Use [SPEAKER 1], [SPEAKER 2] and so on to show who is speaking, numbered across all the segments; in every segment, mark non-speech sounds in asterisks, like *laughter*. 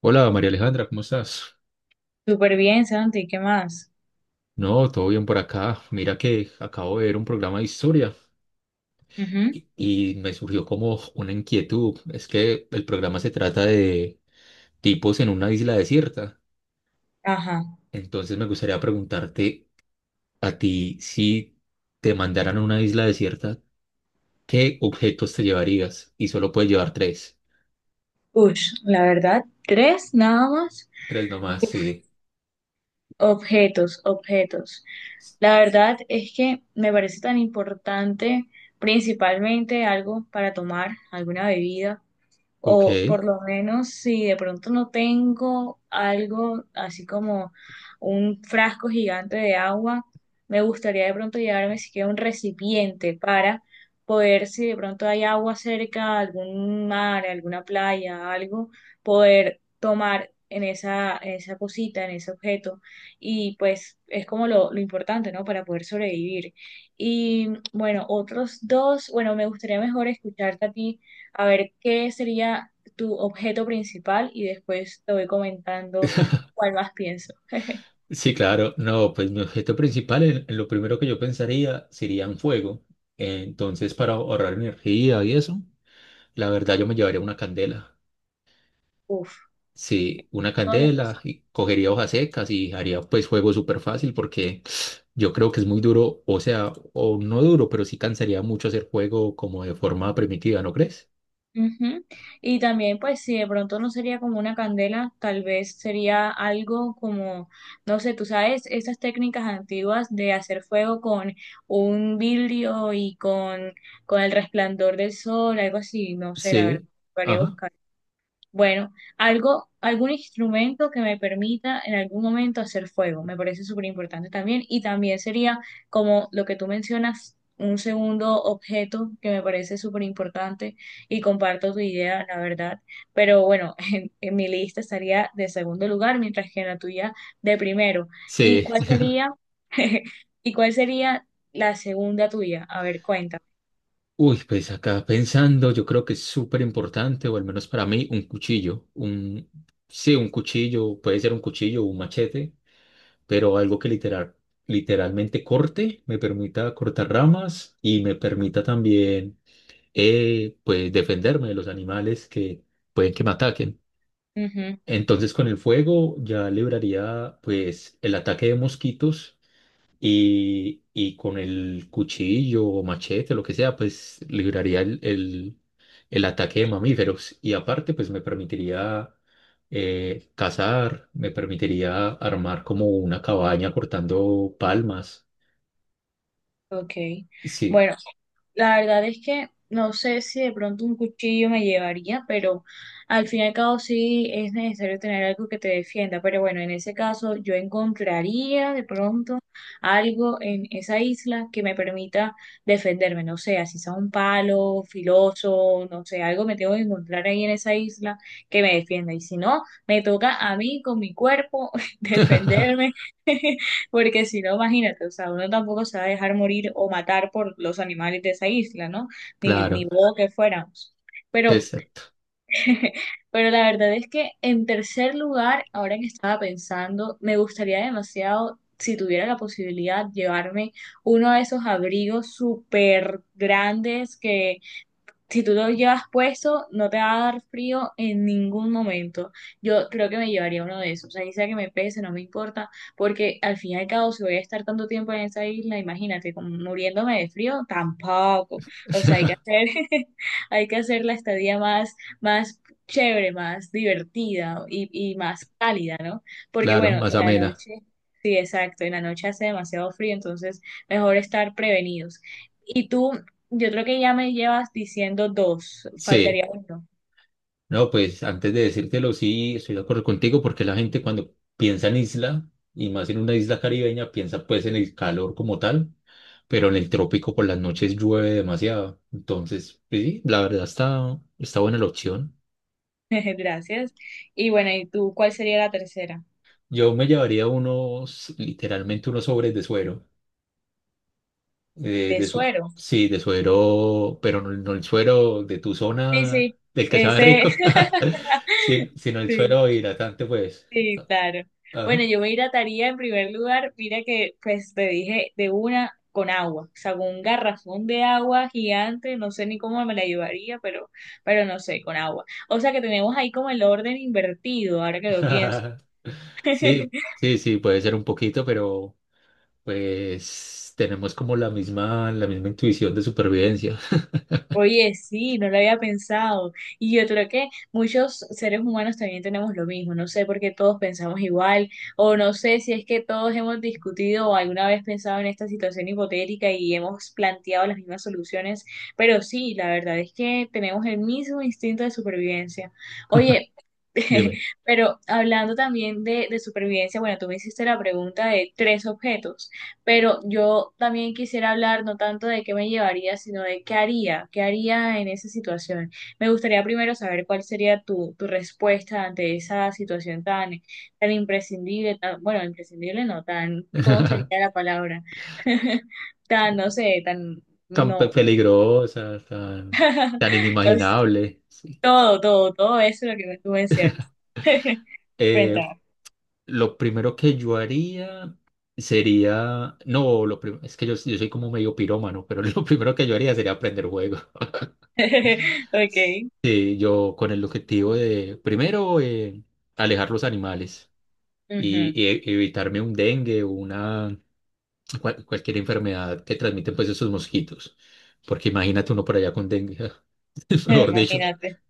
[SPEAKER 1] Hola María Alejandra, ¿cómo estás?
[SPEAKER 2] Súper bien, Santi, ¿qué más?
[SPEAKER 1] No, todo bien por acá. Mira que acabo de ver un programa de historia
[SPEAKER 2] Ujú.
[SPEAKER 1] y me surgió como una inquietud. Es que el programa se trata de tipos en una isla desierta.
[SPEAKER 2] Ajá.
[SPEAKER 1] Entonces me gustaría preguntarte a ti si te mandaran a una isla desierta, ¿qué objetos te llevarías? Y solo puedes llevar tres.
[SPEAKER 2] Ush, la verdad, tres nada más.
[SPEAKER 1] Tres nomás, sí.
[SPEAKER 2] Objetos, objetos. La verdad es que me parece tan importante, principalmente algo para tomar, alguna bebida.
[SPEAKER 1] Ok.
[SPEAKER 2] O por lo menos si de pronto no tengo algo así como un frasco gigante de agua, me gustaría de pronto llevarme siquiera un recipiente para poder, si de pronto hay agua cerca, algún mar, alguna playa, algo, poder tomar en esa cosita, en ese objeto. Y pues es como lo importante, ¿no? Para poder sobrevivir. Y bueno, otros dos, bueno, me gustaría mejor escucharte a ti a ver qué sería tu objeto principal y después te voy comentando cuál más pienso. *laughs*
[SPEAKER 1] Sí, claro. No, pues mi objeto principal, en lo primero que yo pensaría sería en fuego. Entonces, para ahorrar energía y eso, la verdad yo me llevaría una candela.
[SPEAKER 2] Uf.
[SPEAKER 1] Sí, una
[SPEAKER 2] Hola.
[SPEAKER 1] candela y cogería hojas secas y haría pues fuego súper fácil porque *sniffs* yo creo que es muy duro, o sea, o no duro, pero sí cansaría mucho hacer fuego como de forma primitiva, ¿no crees?
[SPEAKER 2] Ujú. Y también, pues, si de pronto no sería como una candela, tal vez sería algo como, no sé, tú sabes, esas técnicas antiguas de hacer fuego con un vidrio y con el resplandor del sol, algo así, no sé, la verdad,
[SPEAKER 1] Sí,
[SPEAKER 2] haría
[SPEAKER 1] ajá,
[SPEAKER 2] buscar. Bueno, algo, algún instrumento que me permita en algún momento hacer fuego, me parece súper importante también. Y también sería como lo que tú mencionas, un segundo objeto que me parece súper importante y comparto tu idea, la verdad. Pero bueno, *laughs* en mi lista estaría de segundo lugar, mientras que en la tuya de primero. ¿Y
[SPEAKER 1] sí.
[SPEAKER 2] cuál sería, *laughs* y cuál sería la segunda tuya? A ver, cuéntame.
[SPEAKER 1] Uy, pues acá pensando, yo creo que es súper importante, o al menos para mí, un cuchillo. Un, sí, un cuchillo, puede ser un cuchillo o un machete, pero algo que literal, literalmente corte, me permita cortar ramas y me permita también, pues, defenderme de los animales que pueden que me ataquen.
[SPEAKER 2] Ujú,
[SPEAKER 1] Entonces, con el fuego ya libraría, pues, el ataque de mosquitos y con el cuchillo o machete, lo que sea, pues libraría el ataque de mamíferos y aparte pues me permitiría cazar, me permitiría armar como una cabaña cortando palmas.
[SPEAKER 2] ok.
[SPEAKER 1] Sí,
[SPEAKER 2] Bueno. La verdad es que no sé si de pronto un cuchillo me llevaría, pero al fin y al cabo sí es necesario tener algo que te defienda. Pero bueno, en ese caso yo encontraría de pronto algo en esa isla que me permita defenderme. No sé, así sea un palo filoso, no sé, algo me tengo que encontrar ahí en esa isla que me defienda. Y si no, me toca a mí con mi cuerpo *laughs* defenderme. *laughs* Porque si no, imagínate, o sea, uno tampoco se va a dejar morir o matar por los animales de esa isla, ¿no? Ni
[SPEAKER 1] claro,
[SPEAKER 2] modo que fuéramos. Pero,
[SPEAKER 1] exacto,
[SPEAKER 2] *laughs* pero la verdad es que en tercer lugar, ahora que estaba pensando, me gustaría demasiado, si tuviera la posibilidad, llevarme uno de esos abrigos súper grandes que si tú lo llevas puesto, no te va a dar frío en ningún momento. Yo creo que me llevaría uno de esos. O sea, y sea que me pese, no me importa, porque al fin y al cabo, si voy a estar tanto tiempo en esa isla, imagínate, como muriéndome de frío, tampoco. O sea, hay que
[SPEAKER 1] *laughs*
[SPEAKER 2] hacer, *laughs* hay que hacer la estadía más, más chévere, más divertida y más cálida, ¿no? Porque
[SPEAKER 1] claro,
[SPEAKER 2] bueno,
[SPEAKER 1] más
[SPEAKER 2] en la
[SPEAKER 1] amena.
[SPEAKER 2] noche, sí, exacto, en la noche hace demasiado frío, entonces mejor estar prevenidos. ¿Y tú yo creo que ya me llevas diciendo dos,
[SPEAKER 1] Sí.
[SPEAKER 2] faltaría uno.
[SPEAKER 1] No, pues antes de decírtelo, sí, estoy de acuerdo contigo porque la gente cuando piensa en isla, y más en una isla caribeña, piensa pues en el calor como tal, pero en el trópico por las noches llueve demasiado. Entonces, pues, sí, la verdad está buena la opción.
[SPEAKER 2] *laughs* Gracias. Y bueno, ¿y tú cuál sería la tercera?
[SPEAKER 1] Yo me llevaría unos, literalmente unos sobres de suero.
[SPEAKER 2] De suero.
[SPEAKER 1] Sí, de suero, pero no, no el suero de tu
[SPEAKER 2] Sí,
[SPEAKER 1] zona,
[SPEAKER 2] sí,
[SPEAKER 1] del que sabe
[SPEAKER 2] ese,
[SPEAKER 1] rico, *laughs* sí,
[SPEAKER 2] *laughs*
[SPEAKER 1] sino el
[SPEAKER 2] sí,
[SPEAKER 1] suero hidratante, pues.
[SPEAKER 2] sí, claro. Bueno,
[SPEAKER 1] Ajá.
[SPEAKER 2] yo me hidrataría en primer lugar, mira que pues te dije de una con agua, o sea, con un garrafón de agua gigante, no sé ni cómo me la llevaría, pero no sé, con agua. O sea que tenemos ahí como el orden invertido, ahora que lo pienso.
[SPEAKER 1] *laughs* Sí,
[SPEAKER 2] *laughs*
[SPEAKER 1] sí, sí, puede ser un poquito, pero pues tenemos como la misma intuición de supervivencia.
[SPEAKER 2] Oye, sí, no lo había pensado. Y yo creo que muchos seres humanos también tenemos lo mismo. No sé por qué todos pensamos igual, o no sé si es que todos hemos discutido o alguna vez pensado en esta situación hipotética y hemos planteado las mismas soluciones. Pero sí, la verdad es que tenemos el mismo instinto de supervivencia. Oye,
[SPEAKER 1] Dime,
[SPEAKER 2] *laughs* pero hablando también de supervivencia, bueno, tú me hiciste la pregunta de tres objetos. Pero yo también quisiera hablar no tanto de qué me llevaría, sino de qué haría en esa situación. Me gustaría primero saber cuál sería tu, tu respuesta ante esa situación tan, tan imprescindible, tan, bueno, imprescindible no, tan, ¿cómo sería
[SPEAKER 1] *laughs*
[SPEAKER 2] la palabra? *laughs* Tan, no sé, tan,
[SPEAKER 1] tan
[SPEAKER 2] no,
[SPEAKER 1] peligrosa, tan, tan
[SPEAKER 2] es
[SPEAKER 1] inimaginable. Sí.
[SPEAKER 2] todo, todo, todo eso lo que tú mencionas.
[SPEAKER 1] *laughs* Eh,
[SPEAKER 2] Cuéntame.
[SPEAKER 1] lo primero que yo haría sería, no, lo prim- es que yo soy como medio pirómano, pero *laughs* lo primero que yo haría sería aprender juegos.
[SPEAKER 2] *laughs* Ok.
[SPEAKER 1] Sí, yo con el objetivo de, primero, alejar los animales y,
[SPEAKER 2] Ujú.
[SPEAKER 1] y e- evitarme un dengue, una cual- cualquier enfermedad que transmiten pues esos mosquitos. Porque imagínate uno por allá con dengue, *laughs*
[SPEAKER 2] *laughs*
[SPEAKER 1] mejor dicho.
[SPEAKER 2] Imagínate,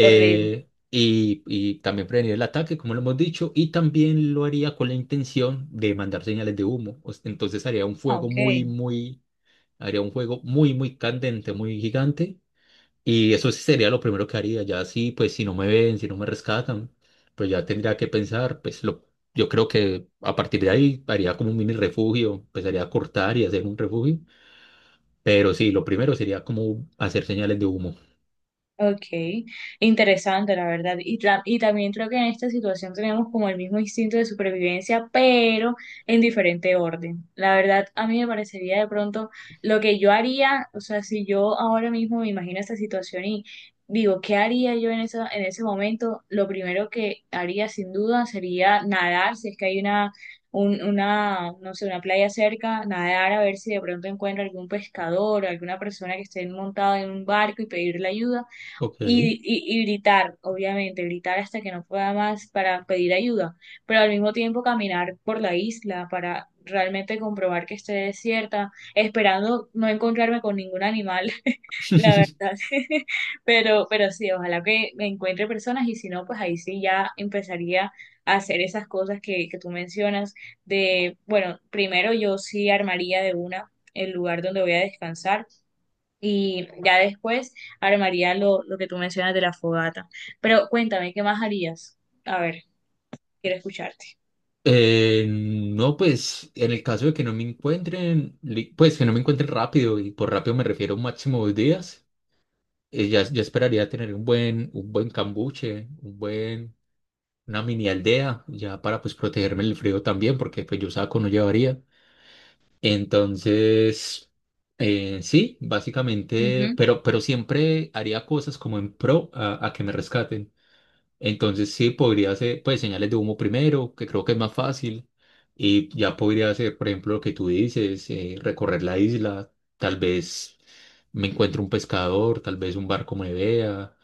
[SPEAKER 2] horrible.
[SPEAKER 1] y, y también prevenir el ataque, como lo hemos dicho, y también lo haría con la intención de mandar señales de humo. Entonces haría un
[SPEAKER 2] Ah,
[SPEAKER 1] fuego
[SPEAKER 2] ok.
[SPEAKER 1] haría un fuego muy, muy candente, muy gigante y eso sí sería lo primero que haría. Ya sí, pues si no me ven, si no me rescatan, pues ya tendría que pensar, yo creo que a partir de ahí haría como un mini refugio, empezaría a cortar y hacer un refugio. Pero sí, lo primero sería como hacer señales de humo.
[SPEAKER 2] Okay, interesante la verdad. Y, tra- y también creo que en esta situación tenemos como el mismo instinto de supervivencia, pero en diferente orden. La verdad, a mí me parecería de pronto lo que yo haría, o sea, si yo ahora mismo me imagino esta situación y digo, ¿qué haría yo en esa, en ese momento? Lo primero que haría sin duda sería nadar, si es que hay una, un- una, no sé, una playa cerca, nadar a ver si de pronto encuentro algún pescador, alguna persona que esté montada en un barco y pedirle ayuda
[SPEAKER 1] Ok.
[SPEAKER 2] y gritar, obviamente, gritar hasta que no pueda más para pedir ayuda, pero al mismo tiempo caminar por la isla para realmente comprobar que esté desierta, esperando no encontrarme con ningún animal, *laughs* la verdad.
[SPEAKER 1] *laughs*
[SPEAKER 2] *laughs* Pero sí, ojalá que me encuentre personas y si no, pues ahí sí ya empezaría a hacer esas cosas que tú mencionas de, bueno, primero yo sí armaría de una el lugar donde voy a descansar y ya después armaría lo que tú mencionas de la fogata. Pero cuéntame, ¿qué más harías? A ver, quiero escucharte.
[SPEAKER 1] No, pues en el caso de que no me encuentren, pues que no me encuentren rápido, y por rápido me refiero a un máximo 2 días, ya esperaría tener un buen cambuche, un buen una mini aldea, ya para pues protegerme del frío también, porque pues yo saco no llevaría. Entonces, sí, básicamente,
[SPEAKER 2] Ujú.
[SPEAKER 1] pero siempre haría cosas como en pro a que me rescaten. Entonces sí, podría hacer pues señales de humo primero, que creo que es más fácil, y ya podría hacer, por ejemplo, lo que tú dices, recorrer la isla, tal vez me encuentre un pescador, tal vez un barco me vea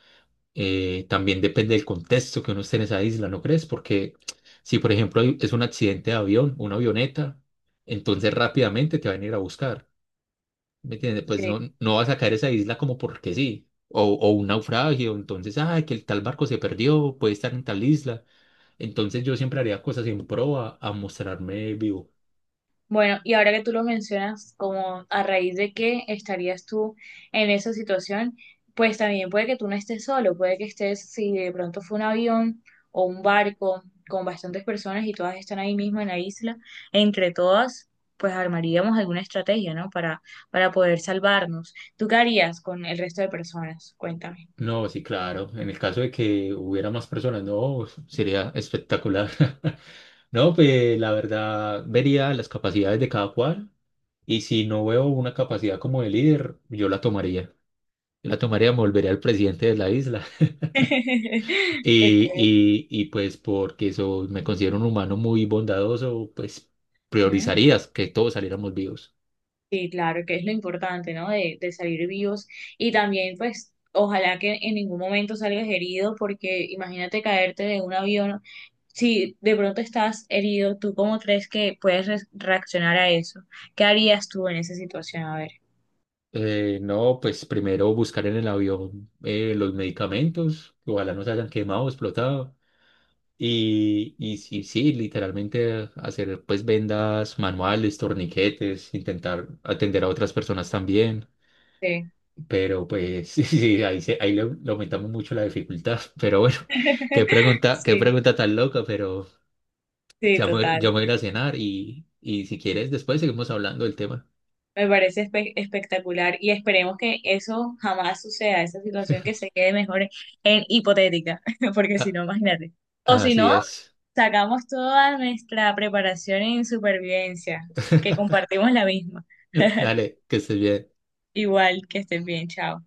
[SPEAKER 1] también depende del contexto que uno esté en esa isla, ¿no crees? Porque si, por ejemplo, es un accidente de avión, una avioneta, entonces rápidamente te van a ir a buscar, ¿me entiendes? Pues
[SPEAKER 2] Sí.
[SPEAKER 1] no, no vas a caer a esa isla como porque sí, o un naufragio, entonces, ay, que el tal barco se perdió, puede estar en tal isla, entonces yo siempre haría cosas en pro a mostrarme vivo.
[SPEAKER 2] Bueno, y ahora que tú lo mencionas, como a raíz de que estarías tú en esa situación, pues también puede que tú no estés solo, puede que estés, si de pronto fue un avión o un barco con bastantes personas y todas están ahí mismo en la isla, entre todas, pues armaríamos alguna estrategia, ¿no? Para poder salvarnos. ¿Tú qué harías con el resto de personas? Cuéntame.
[SPEAKER 1] No, sí, claro, en el caso de que hubiera más personas, no, sería espectacular. *laughs* No, pues la verdad, vería las capacidades de cada cual. Y si no veo una capacidad como de líder, yo la tomaría. Yo la tomaría, me volvería al presidente de la isla. *laughs*
[SPEAKER 2] *laughs*
[SPEAKER 1] Y,
[SPEAKER 2] Okay.
[SPEAKER 1] y, y pues porque eso, me considero un humano muy bondadoso, pues priorizarías que todos saliéramos vivos.
[SPEAKER 2] Sí, claro, que es lo importante, ¿no? De salir vivos y también, pues, ojalá que en ningún momento salgas herido, porque imagínate caerte de un avión. Si de pronto estás herido, ¿tú cómo crees que puedes re- reaccionar a eso? ¿Qué harías tú en esa situación? A ver.
[SPEAKER 1] No, pues primero buscar en el avión los medicamentos, que ojalá no se hayan quemado, explotado. Y sí, sí, literalmente hacer pues vendas manuales, torniquetes, intentar atender a otras personas también.
[SPEAKER 2] Sí.
[SPEAKER 1] Pero pues *laughs* sí, sí, ahí, se- ahí le, le aumentamos mucho la dificultad. *laughs* Pero bueno,
[SPEAKER 2] *laughs*
[SPEAKER 1] qué
[SPEAKER 2] Sí,
[SPEAKER 1] pregunta tan loca, pero
[SPEAKER 2] sí,
[SPEAKER 1] ya me
[SPEAKER 2] total.
[SPEAKER 1] voy a ir a cenar y si quieres, después seguimos hablando del tema.
[SPEAKER 2] Me parece espe- espectacular y esperemos que eso jamás suceda, esa situación que se quede mejor en hipotética, *laughs* porque si no, imagínate. O
[SPEAKER 1] Ah,
[SPEAKER 2] si
[SPEAKER 1] así
[SPEAKER 2] no,
[SPEAKER 1] es.
[SPEAKER 2] sacamos toda nuestra preparación en supervivencia, que
[SPEAKER 1] *laughs*
[SPEAKER 2] compartimos la misma. *laughs*
[SPEAKER 1] Dale, que estés bien.
[SPEAKER 2] Igual, que estén bien, chao.